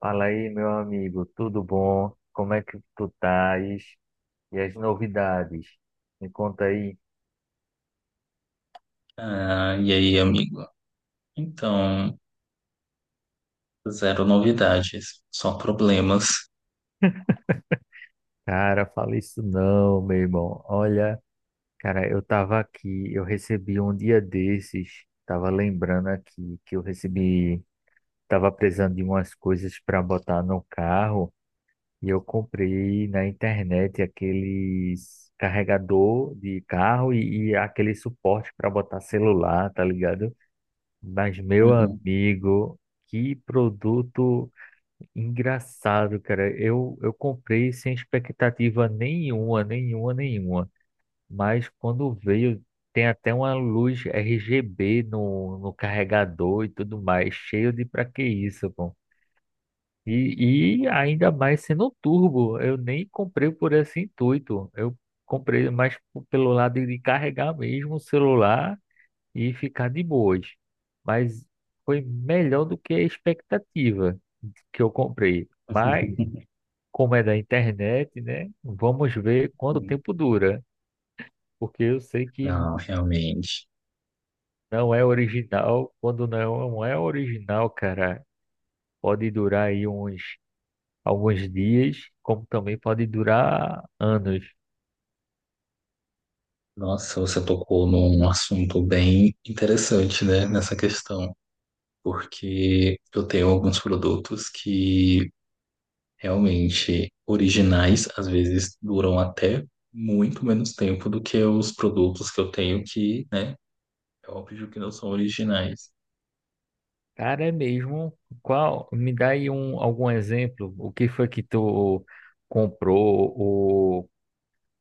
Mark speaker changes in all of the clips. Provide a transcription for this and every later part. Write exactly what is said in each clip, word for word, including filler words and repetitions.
Speaker 1: Fala aí, meu amigo, tudo bom? Como é que tu estás? E as novidades? Me conta aí.
Speaker 2: Ah, e aí, amigo? Então, zero novidades, só problemas.
Speaker 1: Cara, fala isso não, meu irmão. Olha, cara, eu tava aqui, eu recebi um dia desses, tava lembrando aqui que eu recebi, tava precisando de umas coisas para botar no carro e eu comprei na internet aqueles carregador de carro e, e aquele suporte para botar celular, tá ligado? Mas, meu
Speaker 2: Uhum.
Speaker 1: amigo, que produto engraçado, cara. Eu, eu comprei sem expectativa nenhuma, nenhuma, nenhuma. Mas quando veio, tem até uma luz R G B no, no carregador e tudo mais. Cheio de pra que isso, pô? E, e ainda mais sendo turbo. Eu nem comprei por esse intuito. Eu comprei mais p- pelo lado de carregar mesmo o celular e ficar de boas. Mas foi melhor do que a expectativa que eu comprei. Mas, como é da internet, né? Vamos ver quanto
Speaker 2: Sim.
Speaker 1: tempo dura. Porque eu sei que
Speaker 2: Não, realmente.
Speaker 1: não é original. Quando não é original, cara, pode durar aí uns alguns dias, como também pode durar anos.
Speaker 2: Nossa, você tocou num assunto bem interessante, né, nessa questão, porque eu tenho alguns produtos que realmente originais, às vezes duram até muito menos tempo do que os produtos que eu tenho que, né, é óbvio que não são originais.
Speaker 1: Cara, é mesmo. Qual? Me dá aí um, algum exemplo. O que foi que tu comprou?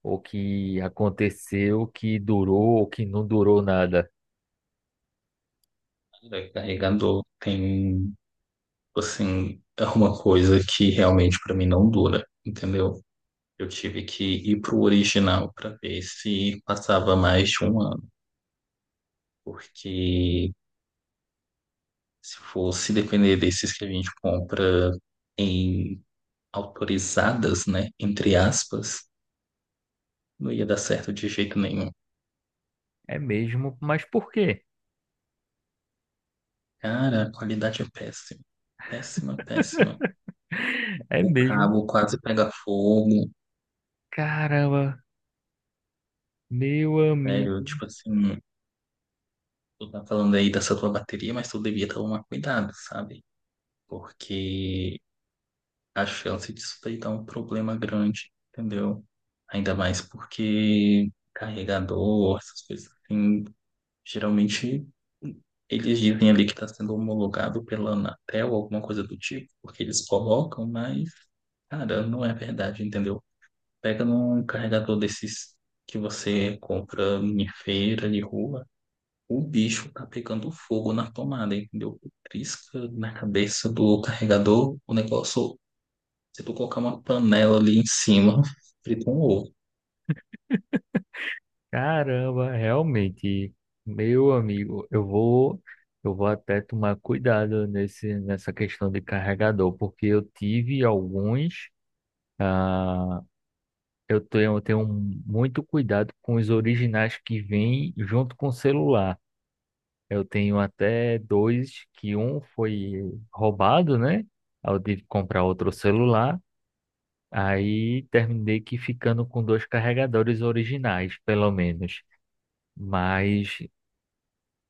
Speaker 1: O que aconteceu, o que durou, o que não durou nada.
Speaker 2: Carregador tem. Assim, é uma coisa que realmente pra mim não dura, entendeu? Eu tive que ir pro original pra ver se passava mais de um ano, porque se fosse depender desses que a gente compra em autorizadas, né, entre aspas, não ia dar certo de jeito nenhum.
Speaker 1: É mesmo, mas por quê?
Speaker 2: Cara, a qualidade é péssima, péssima, péssima.
Speaker 1: É
Speaker 2: O
Speaker 1: mesmo.
Speaker 2: cabo quase pega fogo,
Speaker 1: Caramba, meu
Speaker 2: sério,
Speaker 1: amigo,
Speaker 2: tipo assim, tu tá falando aí dessa tua bateria, mas tu devia tomar cuidado, sabe? Porque a chance disso daí dá um problema grande, entendeu? Ainda mais porque carregador, essas coisas assim, geralmente eles dizem ali que está sendo homologado pela Anatel, alguma coisa do tipo, porque eles colocam, mas, cara, não é verdade, entendeu? Pega num carregador desses que você compra em feira de rua, o bicho tá pegando fogo na tomada, entendeu? Trisca na cabeça do carregador, o negócio. Se tu colocar uma panela ali em cima, frita um ovo.
Speaker 1: caramba, realmente, meu amigo, eu vou, eu vou até tomar cuidado nesse, nessa questão de carregador, porque eu tive alguns, ah, eu tenho, eu tenho muito cuidado com os originais que vêm junto com o celular. Eu tenho até dois, que um foi roubado, né? Aí eu tive que comprar outro celular. Aí terminei que ficando com dois carregadores originais, pelo menos. Mas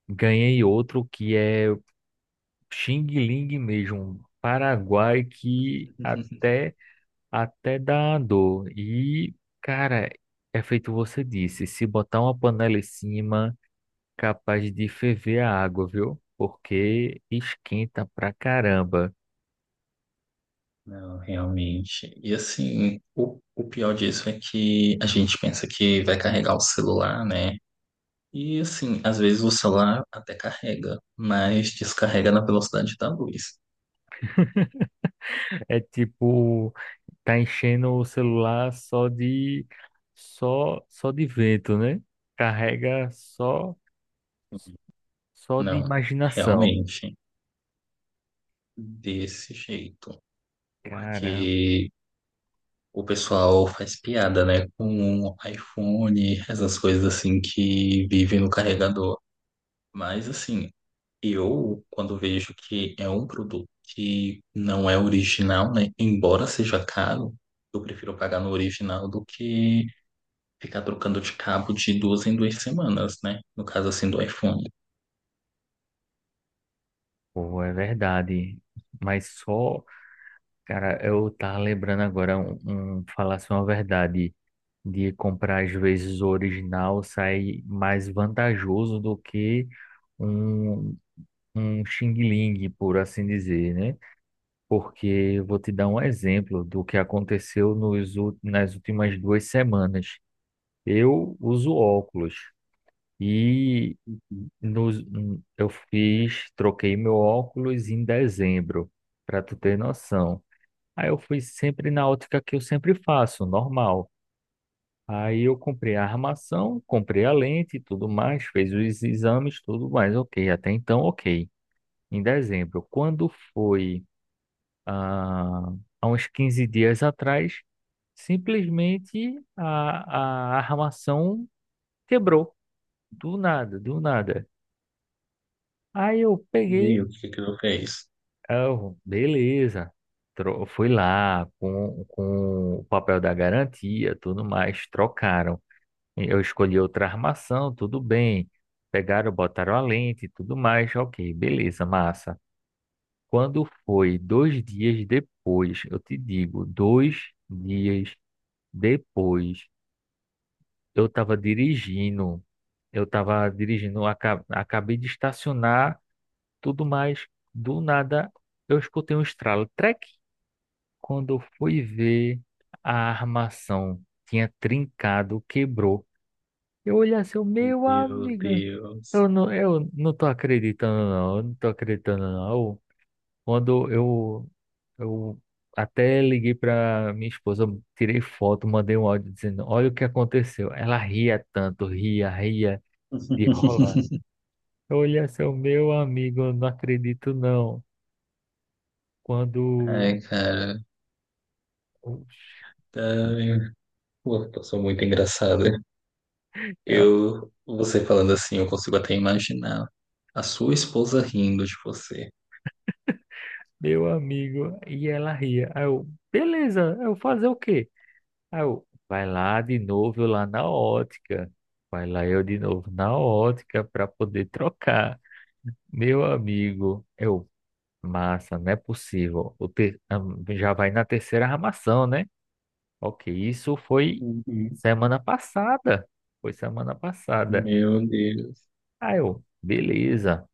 Speaker 1: ganhei outro que é Xing Ling mesmo, um Paraguai, que até, até dá dor. E, cara, é feito você disse, se botar uma panela em cima. Capaz de ferver a água, viu? Porque esquenta pra caramba.
Speaker 2: Não, realmente. E assim, o, o pior disso é que a gente pensa que vai carregar o celular, né? E assim, às vezes o celular até carrega, mas descarrega na velocidade da luz.
Speaker 1: É tipo, tá enchendo o celular só de só só de vento, né? Carrega só só de
Speaker 2: Não,
Speaker 1: imaginação.
Speaker 2: realmente, desse jeito.
Speaker 1: Cara,
Speaker 2: Porque o pessoal faz piada, né, com iPhone, essas coisas assim que vivem no carregador. Mas assim, eu, quando vejo que é um produto que não é original, né? Embora seja caro, eu prefiro pagar no original do que ficar trocando de cabo de duas em duas semanas, né? No caso, assim, do iPhone.
Speaker 1: pô, é verdade. Mas só, cara, eu tava lembrando agora um, um falasse uma verdade de comprar às vezes o original sai mais vantajoso do que um um Xing Ling, por assim dizer, né? Porque eu vou te dar um exemplo do que aconteceu nos, ú- nas últimas duas semanas. Eu uso óculos e nos, hum, eu fiz, troquei meu óculos em dezembro, para tu ter noção. Aí eu fui sempre na ótica que eu sempre faço, normal. Aí eu comprei a armação, comprei a lente e tudo mais, fez os exames, tudo mais, ok. Até então, ok. Em dezembro. Quando foi? ah, há uns quinze dias atrás, simplesmente a, a armação quebrou. Do nada, do nada. Aí eu
Speaker 2: E aí,
Speaker 1: peguei,
Speaker 2: o que que eu fiz?
Speaker 1: ah, eu, beleza. Tro- Fui lá com, com o papel da garantia, tudo mais, trocaram. Eu escolhi outra armação, tudo bem. Pegaram, botaram a lente, tudo mais, ok, beleza, massa. Quando foi dois dias depois, eu te digo, dois dias depois, eu estava dirigindo, eu estava dirigindo, aca- acabei de estacionar, tudo mais. Do nada, eu escutei um estralo, trec. Quando eu fui ver, a armação tinha trincado, quebrou. Eu olhei assim, eu, meu
Speaker 2: Meu
Speaker 1: amigo,
Speaker 2: Deus.
Speaker 1: eu não, eu não tô acreditando não, eu não tô acreditando não. Quando eu, eu até liguei para minha esposa, tirei foto, mandei um áudio dizendo: Olha o que aconteceu. Ela ria tanto, ria, ria de rola. Olha, seu meu amigo, eu não acredito não. Quando.
Speaker 2: Ai, cara. Ai, pô, passou muito engraçada.
Speaker 1: Ela,
Speaker 2: Eu, você falando assim, eu consigo até imaginar a sua esposa rindo de você.
Speaker 1: meu amigo, e ela ria. Aí eu, beleza, eu fazer o quê? Aí eu, vai lá de novo, eu lá na ótica. Vai lá eu de novo na ótica para poder trocar. Meu amigo, eu. Massa, não é possível. O ter... am- Já vai na terceira armação, né? Ok, isso foi
Speaker 2: Uhum.
Speaker 1: semana passada. Foi semana passada.
Speaker 2: Meu Deus.
Speaker 1: Ah, eu, beleza.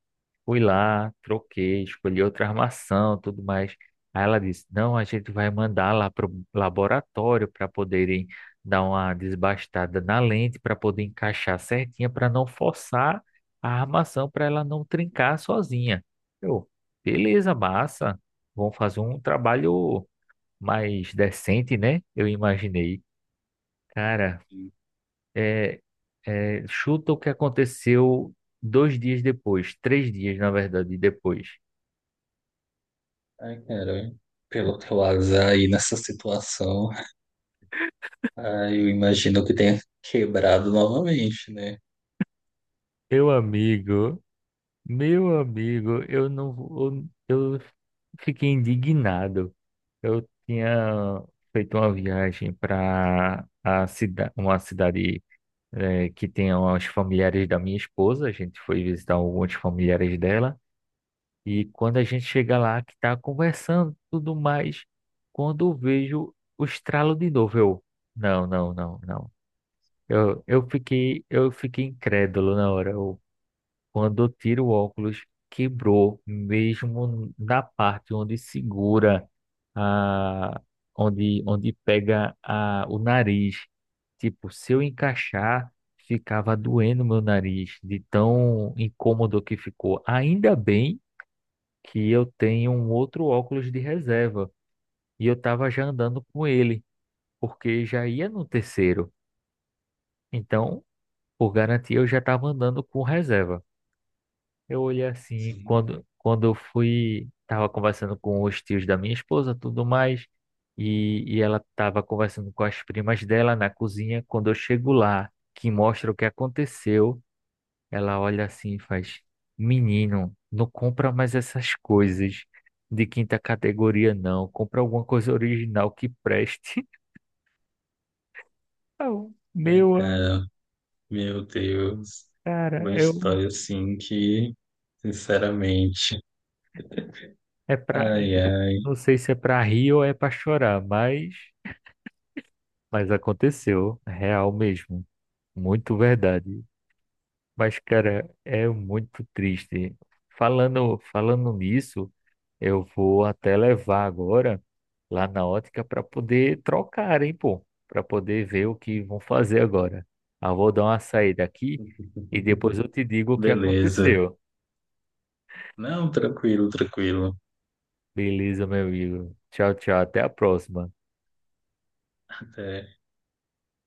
Speaker 1: Fui lá, troquei, escolhi outra armação, tudo mais. Aí ela disse: Não, a gente vai mandar lá para o laboratório para poderem dar uma desbastada na lente, para poder encaixar certinha, para não forçar a armação, para ela não trincar sozinha. Eu, beleza, massa. Vão fazer um trabalho mais decente, né? Eu imaginei. Cara, é, é, chuta o que aconteceu dois dias depois, três dias, na verdade, depois.
Speaker 2: Ai, cara, pelo teu azar aí nessa situação, ai, eu imagino que tenha quebrado novamente, né?
Speaker 1: Meu amigo, meu amigo, eu não, vou- eu, fiquei indignado. Eu tinha feito uma viagem para a cidade, uma cidade eh, que tem os familiares da minha esposa. A gente foi visitar alguns familiares dela e quando a gente chega lá, que está conversando, tudo mais, quando eu vejo o estralo de novo, eu, não, não, não, não. Eu, eu fiquei, eu fiquei incrédulo na hora. Quando eu tiro o óculos, quebrou, mesmo na parte onde segura a, onde, onde pega a, o nariz. Tipo, se eu encaixar, ficava doendo meu nariz, de tão incômodo que ficou. Ainda bem que eu tenho um outro óculos de reserva e eu estava já andando com ele, porque já ia no terceiro. Então, por garantia, eu já estava andando com reserva. Eu olhei assim, e
Speaker 2: Sim.
Speaker 1: quando, quando eu fui, tava conversando com os tios da minha esposa, tudo mais, e, e ela tava conversando com as primas dela na cozinha. Quando eu chego lá, que mostra o que aconteceu, ela olha assim e faz: Menino, não compra mais essas coisas de quinta categoria, não. Compra alguma coisa original que preste. Eu,
Speaker 2: Ai,
Speaker 1: Meu, am-
Speaker 2: cara, meu Deus. Uma
Speaker 1: cara, eu
Speaker 2: história assim que, sinceramente,
Speaker 1: é pra, é-
Speaker 2: ai, ai.
Speaker 1: não sei se é pra rir ou é pra chorar, mas. Mas aconteceu, é real mesmo. Muito verdade. Mas, cara, é muito triste. Falando, falando nisso, eu vou até levar agora lá na ótica para poder trocar, hein, pô? Para poder ver o que vão fazer agora. Ah, vou dar uma saída aqui e depois eu te digo o que
Speaker 2: Beleza.
Speaker 1: aconteceu.
Speaker 2: Não, tranquilo, tranquilo.
Speaker 1: Beleza, meu amigo. Tchau, tchau. Até a próxima.
Speaker 2: Até.